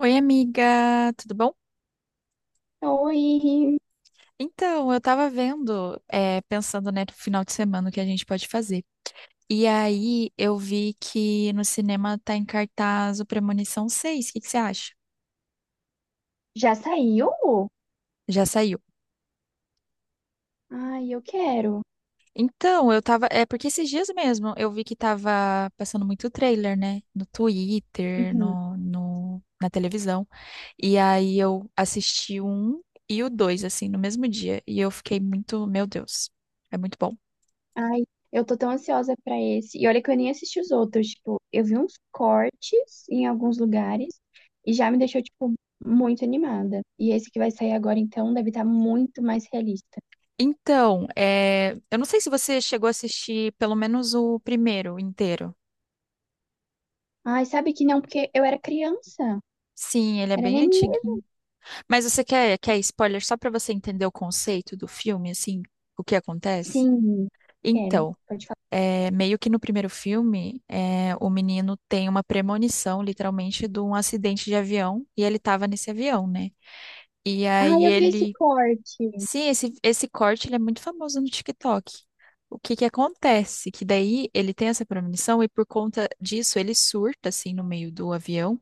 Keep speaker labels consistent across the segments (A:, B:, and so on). A: Oi, amiga, tudo bom?
B: Oi,
A: Então, eu tava vendo, pensando, né, no final de semana o que a gente pode fazer. E aí eu vi que no cinema tá em cartaz o Premonição seis. O que que você acha?
B: já saiu?
A: Já saiu.
B: Ai, eu quero.
A: Então, eu tava. É porque esses dias mesmo eu vi que tava passando muito trailer, né? No Twitter,
B: Uhum.
A: na televisão. E aí eu assisti o um e o dois, assim, no mesmo dia. E eu fiquei muito, meu Deus, é muito bom.
B: Ai, eu tô tão ansiosa pra esse. E olha que eu nem assisti os outros, tipo, eu vi uns cortes em alguns lugares e já me deixou, tipo, muito animada. E esse que vai sair agora, então, deve estar muito mais realista.
A: Então, eu não sei se você chegou a assistir pelo menos o primeiro inteiro.
B: Ai, sabe que não, porque eu era criança,
A: Sim, ele é
B: era
A: bem
B: neném.
A: antiguinho. Mas você quer spoiler só para você entender o conceito do filme, assim, o que acontece?
B: Sim, quero,
A: Então,
B: pode falar.
A: meio que no primeiro filme, o menino tem uma premonição, literalmente, de um acidente de avião, e ele estava nesse avião, né? E aí
B: Ai, eu vi esse
A: ele.
B: corte.
A: Sim, esse corte ele é muito famoso no TikTok. O que que acontece? Que daí ele tem essa premonição e por conta disso ele surta assim no meio do avião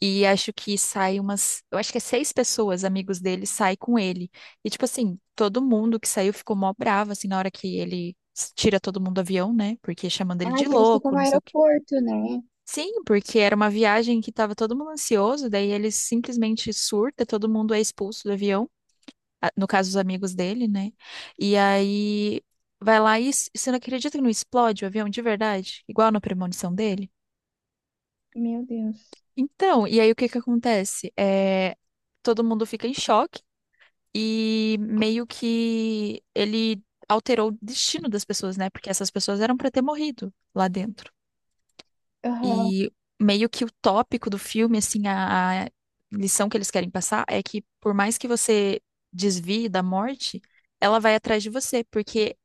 A: e acho que sai umas, eu acho que é seis pessoas, amigos dele, sai com ele. E tipo assim, todo mundo que saiu ficou mó bravo assim na hora que tira todo mundo do avião, né? Porque chamando ele
B: Ai,
A: de
B: que eles ficam
A: louco,
B: no
A: não sei o quê.
B: aeroporto, né?
A: Sim, porque era uma viagem que tava todo mundo ansioso, daí ele simplesmente surta, todo mundo é expulso do avião, no caso, os amigos dele, né? E aí vai lá você não acredita que não explode o avião de verdade? Igual na premonição dele?
B: Meu Deus.
A: Então, e aí o que que acontece? Todo mundo fica em choque e meio que ele alterou o destino das pessoas, né? Porque essas pessoas eram para ter morrido lá dentro.
B: Aham.
A: E meio que o tópico do filme, assim, a lição que eles querem passar é que por mais que você desvie da morte, ela vai atrás de você, porque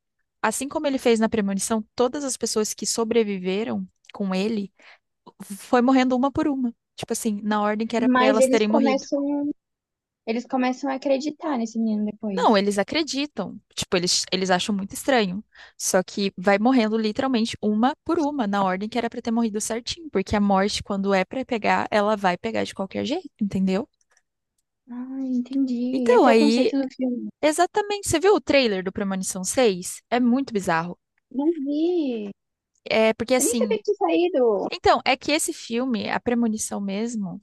A: assim como ele fez na premonição, todas as pessoas que sobreviveram com ele foi morrendo uma por uma. Tipo assim, na ordem que era pra
B: Mas
A: elas terem morrido.
B: eles começam a acreditar nesse menino
A: Não,
B: depois.
A: eles acreditam. Tipo, eles acham muito estranho. Só que vai morrendo literalmente uma por uma, na ordem que era pra ter morrido certinho. Porque a morte, quando é pra pegar, ela vai pegar de qualquer jeito, entendeu?
B: Ah, entendi.
A: Então,
B: Esse é o
A: aí,
B: conceito do filme.
A: exatamente. Você viu o trailer do Premonição seis? É muito bizarro.
B: Não vi.
A: É porque
B: Eu nem sabia
A: assim.
B: que tinha saído.
A: Então, é que esse filme, A Premonição mesmo,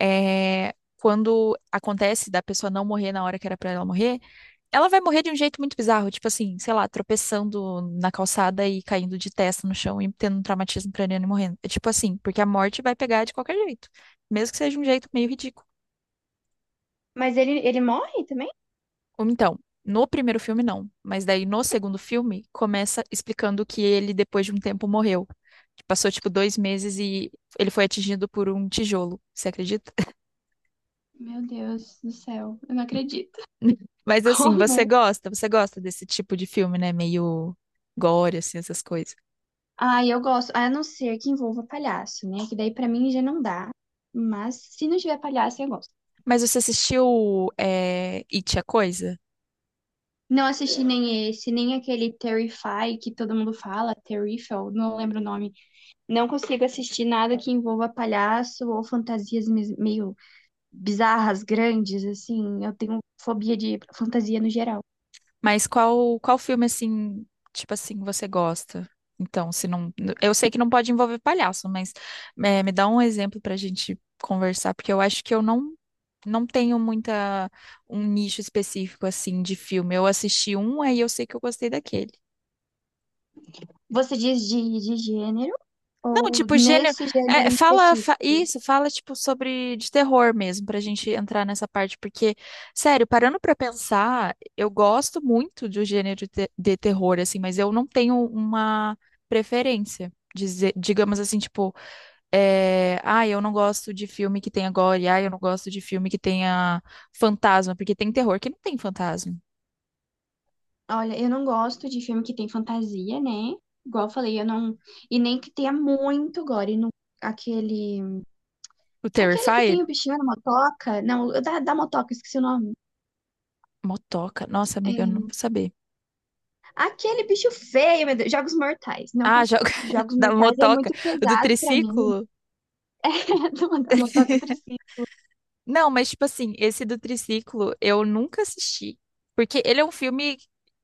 A: quando acontece da pessoa não morrer na hora que era pra ela morrer, ela vai morrer de um jeito muito bizarro, tipo assim, sei lá, tropeçando na calçada e caindo de testa no chão e tendo um traumatismo craniano e morrendo. É tipo assim, porque a morte vai pegar de qualquer jeito, mesmo que seja um jeito meio ridículo.
B: Mas ele morre também?
A: Ou então, no primeiro filme não, mas daí no segundo filme começa explicando que ele depois de um tempo morreu. Que passou tipo 2 meses e ele foi atingido por um tijolo, você acredita?
B: Meu Deus do céu, eu não acredito.
A: Mas assim, você
B: Como?
A: gosta, você gosta desse tipo de filme, né? Meio gore, assim, essas coisas.
B: Ai, eu gosto. A não ser que envolva palhaço, né? Que daí pra mim já não dá. Mas se não tiver palhaço, eu gosto.
A: Mas você assistiu It, a Coisa?
B: Não assisti nem esse, nem aquele Terrify que todo mundo fala, Terrifiel, não lembro o nome. Não consigo assistir nada que envolva palhaço ou fantasias meio bizarras, grandes, assim. Eu tenho fobia de fantasia no geral.
A: Mas qual filme, assim, tipo assim, você gosta? Então, se não. Eu sei que não pode envolver palhaço, mas me dá um exemplo pra gente conversar, porque eu acho que eu não, não tenho muita, um nicho específico, assim, de filme. Eu assisti um, aí eu sei que eu gostei daquele.
B: Você diz de gênero
A: Não,
B: ou
A: tipo, gênero.
B: nesse gênero em específico?
A: Isso, fala, tipo, sobre de terror mesmo, pra gente entrar nessa parte, porque, sério, parando pra pensar, eu gosto muito do gênero de, de terror, assim, mas eu não tenho uma preferência. Dizer, digamos assim, tipo, ah, eu não gosto de filme que tenha gore, ah, eu não gosto de filme que tenha fantasma, porque tem terror que não tem fantasma.
B: Olha, eu não gosto de filme que tem fantasia, né? Igual eu falei, eu não. E nem que tenha muito gore. E aquele.
A: O
B: Aquele que
A: Terrified,
B: tem o bichinho na motoca. Não, da motoca, esqueci o nome.
A: motoca. Nossa,
B: É,
A: amiga, eu não vou saber.
B: aquele bicho feio, meu Deus. Jogos Mortais. Não
A: Ah, já...
B: consigo. Jogos
A: da
B: Mortais é
A: motoca,
B: muito
A: o do
B: pesado pra mim.
A: triciclo.
B: Da motoca triciclo.
A: Não, mas tipo assim, esse do triciclo eu nunca assisti, porque ele é um filme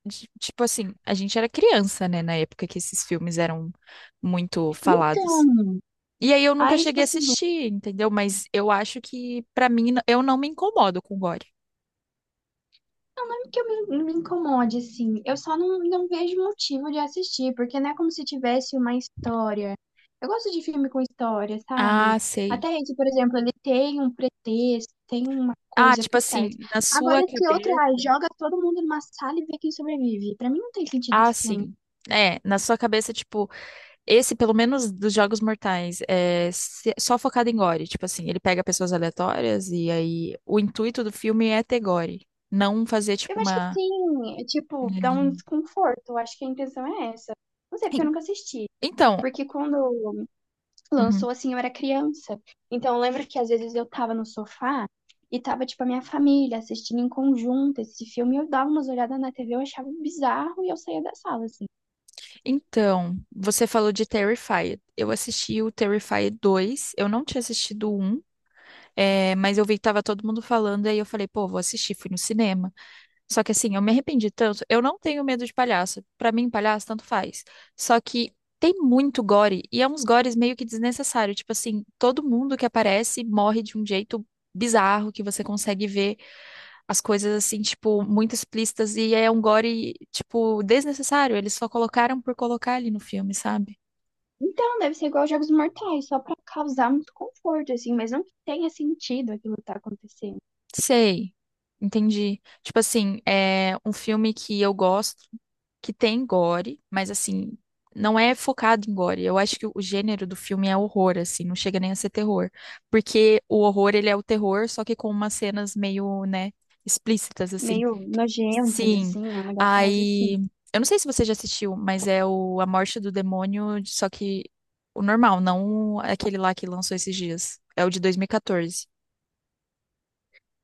A: tipo assim, a gente era criança, né, na época que esses filmes eram muito falados.
B: Então,
A: E aí eu nunca
B: aí, tipo
A: cheguei a
B: assim, não,
A: assistir, entendeu? Mas eu acho que pra mim eu não me incomodo com gore.
B: não é que eu me, não me incomode, assim. Eu só não, não vejo motivo de assistir, porque não é como se tivesse uma história. Eu gosto de filme com história, sabe?
A: Ah, sei.
B: Até esse, por exemplo, ele tem um pretexto, tem uma
A: Ah,
B: coisa
A: tipo
B: por trás.
A: assim, na
B: Agora,
A: sua
B: esse outro,
A: cabeça,
B: ah, joga todo mundo numa sala e vê quem sobrevive. Pra mim não tem sentido
A: ah,
B: esse filme.
A: sim. É, na sua cabeça, tipo, esse, pelo menos dos Jogos Mortais, é só focado em gore. Tipo assim, ele pega pessoas aleatórias e aí o intuito do filme é ter gore. Não fazer, tipo,
B: Eu acho que
A: uma.
B: sim, é tipo, dá um
A: Hum.
B: desconforto. Eu acho que a intenção é essa. Não sei, porque eu
A: En-
B: nunca assisti.
A: Então,
B: Porque quando
A: uhum.
B: lançou, assim, eu era criança. Então, eu lembro que às vezes eu tava no sofá e tava, tipo, a minha família assistindo em conjunto esse filme. Eu dava umas olhadas na TV, eu achava bizarro e eu saía da sala, assim.
A: Então, você falou de Terrified. Eu assisti o Terrified dois. Eu não tinha assistido o 1, mas eu vi que tava todo mundo falando, aí eu falei, pô, vou assistir. Fui no cinema. Só que assim, eu me arrependi tanto. Eu não tenho medo de palhaço. Pra mim, palhaço tanto faz. Só que tem muito gore e é uns gores meio que desnecessário. Tipo assim, todo mundo que aparece morre de um jeito bizarro que você consegue ver as coisas assim, tipo, muito explícitas e é um gore, tipo, desnecessário. Eles só colocaram por colocar ali no filme, sabe?
B: Então, deve ser igual aos Jogos Mortais, só pra causar muito conforto, assim, mas não que tenha sentido aquilo que tá acontecendo.
A: Sei, entendi. Tipo assim, é um filme que eu gosto, que tem gore, mas assim, não é focado em gore. Eu acho que o gênero do filme é horror, assim, não chega nem a ser terror. Porque o horror, ele é o terror, só que com umas cenas meio, né, explícitas, assim.
B: Meio nojentas,
A: Sim,
B: assim, é um negócio mais assim.
A: aí. Eu não sei se você já assistiu, mas é o A Morte do Demônio, só que o normal, não aquele lá que lançou esses dias. É o de 2014.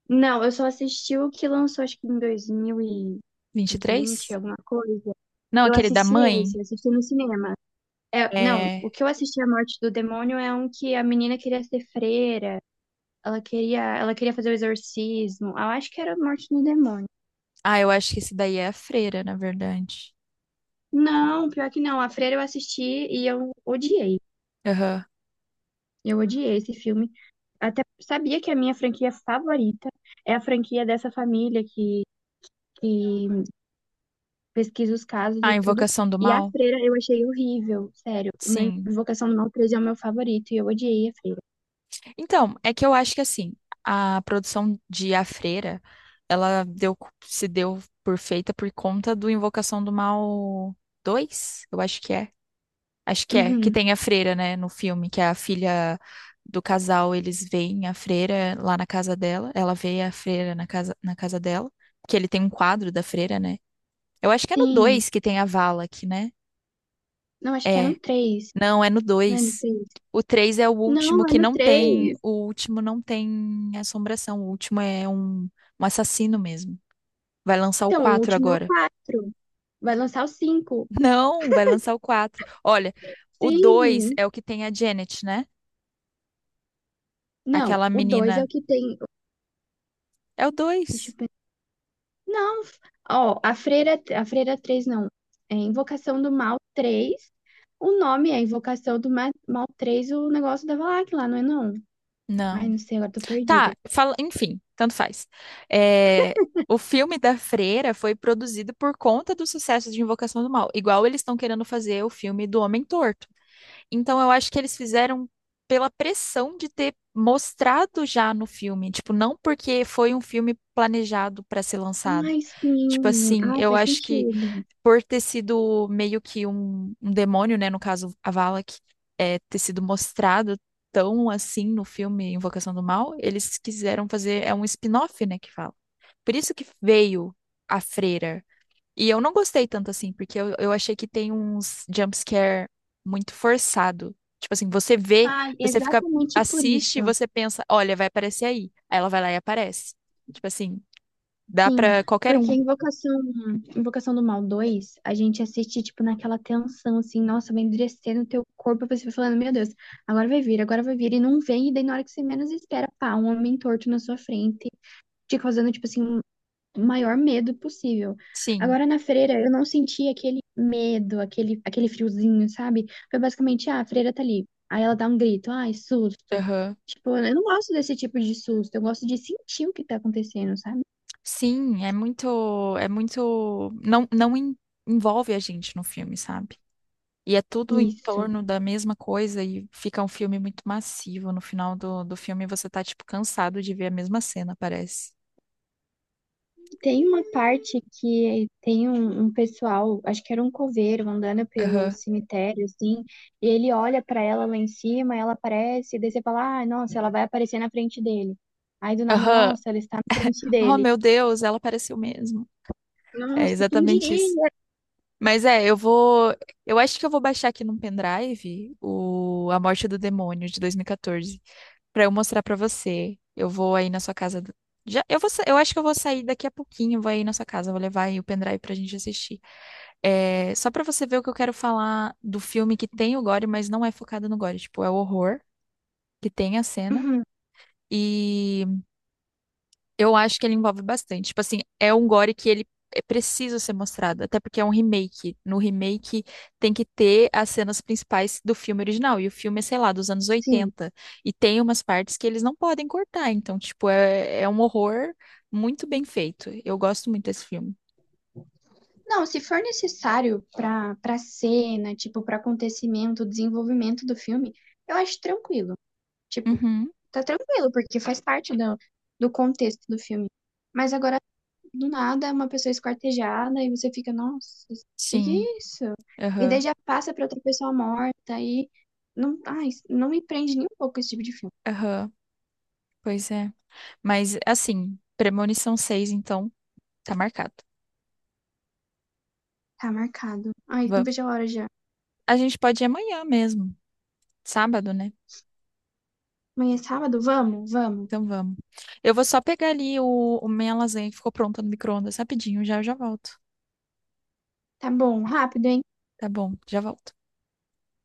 B: Não, eu só assisti o que lançou, acho que em dois mil e
A: Vinte e três.
B: vinte alguma coisa.
A: Não,
B: Eu
A: aquele da
B: assisti
A: mãe?
B: esse, eu assisti no cinema. É, não,
A: É...
B: o que eu assisti A Morte do Demônio é um que a menina queria ser freira, ela queria fazer o exorcismo. Ah, eu acho que era A Morte do Demônio.
A: Ah, eu acho que esse daí é a freira, na verdade.
B: Não, pior que não. A Freira eu assisti e eu odiei.
A: Aham.
B: Eu odiei esse filme. Até sabia que a minha franquia favorita é a franquia dessa família que pesquiso os casos
A: A
B: e tudo.
A: Invocação do
B: E a
A: Mal?
B: freira eu achei horrível, sério. O meu
A: Sim.
B: Invocação do Mal 3 é o meu favorito e eu odiei a freira.
A: Então, é que eu acho que assim, a produção de A Freira, ela deu, se deu por feita por conta do Invocação do Mal dois. Eu acho que é. Acho que é, que
B: Uhum.
A: tem a freira, né, no filme, que é a filha do casal, eles veem a freira lá na casa dela, ela vê a freira na casa dela, que ele tem um quadro da freira, né? Eu acho que é no
B: Sim.
A: 2 que tem a Valak, né?
B: Não, acho que é
A: É.
B: no 3.
A: Não, é no
B: Não é no
A: 2.
B: 3.
A: O 3 é o último
B: Não, é
A: que
B: no
A: não tem.
B: 3.
A: O último não tem assombração. O último é um assassino mesmo. Vai lançar o
B: Então, o
A: 4
B: último é o
A: agora.
B: 4. Vai lançar o 5.
A: Não, vai lançar o 4. Olha, o 2
B: Sim.
A: é o que tem a Janet, né?
B: Não,
A: Aquela
B: o 2 é o
A: menina.
B: que tem.
A: É o
B: Deixa
A: 2?
B: eu pensar. Não. Ó, a freira, a freira 3 não. É Invocação do Mal 3. O nome é Invocação do Mal 3, o negócio da Valak lá, não é não? Ai,
A: Não.
B: não sei, agora tô perdida.
A: Tá, fala, enfim, tanto faz. É, o filme da Freira foi produzido por conta do sucesso de Invocação do Mal, igual eles estão querendo fazer o filme do Homem Torto. Então eu acho que eles fizeram pela pressão de ter mostrado já no filme, tipo, não porque foi um filme planejado para ser lançado.
B: Ai,
A: Tipo
B: sim.
A: assim,
B: Ai,
A: eu
B: faz
A: acho que
B: sentido.
A: por ter sido meio que um demônio, né? No caso, a Valak, ter sido mostrado tão assim no filme Invocação do Mal, eles quiseram fazer, é um spin-off, né, que fala. Por isso que veio a freira. E eu não gostei tanto assim, porque eu achei que tem uns jumpscare muito forçado. Tipo assim, você vê,
B: Ai,
A: você fica,
B: exatamente por
A: assiste e
B: isso.
A: você pensa, olha, vai aparecer aí. Aí ela vai lá e aparece. Tipo assim, dá
B: Sim,
A: pra qualquer
B: porque
A: um.
B: Invocação, Invocação do Mal 2 a gente assiste, tipo, naquela tensão, assim, nossa, vai endurecer no teu corpo, você vai falando, meu Deus, agora vai vir, e não vem, e daí na hora que você menos espera, pá, um homem torto na sua frente, te causando, tipo assim, o maior medo possível.
A: Sim.
B: Agora na freira eu não senti aquele medo, aquele, aquele friozinho, sabe? Foi basicamente, ah, a freira tá ali. Aí ela dá um grito, ai, susto.
A: Aham.
B: Tipo, eu não gosto desse tipo de susto, eu gosto de sentir o que tá acontecendo, sabe?
A: Sim, é muito, não, não en- envolve a gente no filme, sabe? E é tudo em
B: Isso.
A: torno da mesma coisa e fica um filme muito massivo. No final do filme você tá, tipo, cansado de ver a mesma cena, parece.
B: Tem uma parte que tem um, um pessoal, acho que era um coveiro, andando pelo
A: Aham.
B: cemitério, assim, e ele olha pra ela lá em cima, ela aparece, e daí você fala, ah, nossa, ela vai aparecer na frente dele. Aí do nada,
A: Aham.
B: nossa, ela está na frente
A: Oh,
B: dele.
A: meu Deus, ela apareceu mesmo. É
B: Nossa, quem
A: exatamente isso.
B: diria?
A: Mas é, eu vou, eu acho que eu vou baixar aqui num pendrive o A Morte do Demônio de 2014 para eu mostrar para você. Eu vou aí na sua casa. Já, eu vou, eu acho que eu vou sair daqui a pouquinho, vou aí na sua casa, vou levar aí o pendrive pra gente assistir. É, só pra você ver o que eu quero falar do filme que tem o gore, mas não é focado no gore, tipo, é o horror que tem a cena.
B: Uhum.
A: E eu acho que ele envolve bastante. Tipo assim, é um gore que ele é preciso ser mostrado, até porque é um remake. No remake tem que ter as cenas principais do filme original, e o filme é, sei lá, dos anos
B: Sim.
A: 80. E tem umas partes que eles não podem cortar, então, tipo, é um horror muito bem feito. Eu gosto muito desse filme.
B: Não, se for necessário para cena, tipo, para acontecimento, desenvolvimento do filme, eu acho tranquilo. Tipo,
A: Uhum,
B: tá tranquilo, porque faz parte do contexto do filme. Mas agora, do nada, uma pessoa esquartejada e você fica, nossa, que
A: sim.
B: é isso? E daí
A: Aham,
B: já passa pra outra pessoa morta e não, ai, não me prende nem um pouco esse tipo de filme.
A: aham, pois é. Mas, assim, Premonição seis, então, tá marcado.
B: Tá marcado. Ai, não
A: Va-
B: vejo a hora já.
A: A gente pode ir amanhã mesmo, sábado, né?
B: Amanhã é sábado? Vamos, vamos.
A: Então vamos. Eu vou só pegar ali o minha lasanha que ficou pronta no micro-ondas rapidinho, já eu já volto.
B: Tá bom, rápido, hein?
A: Tá bom, já volto.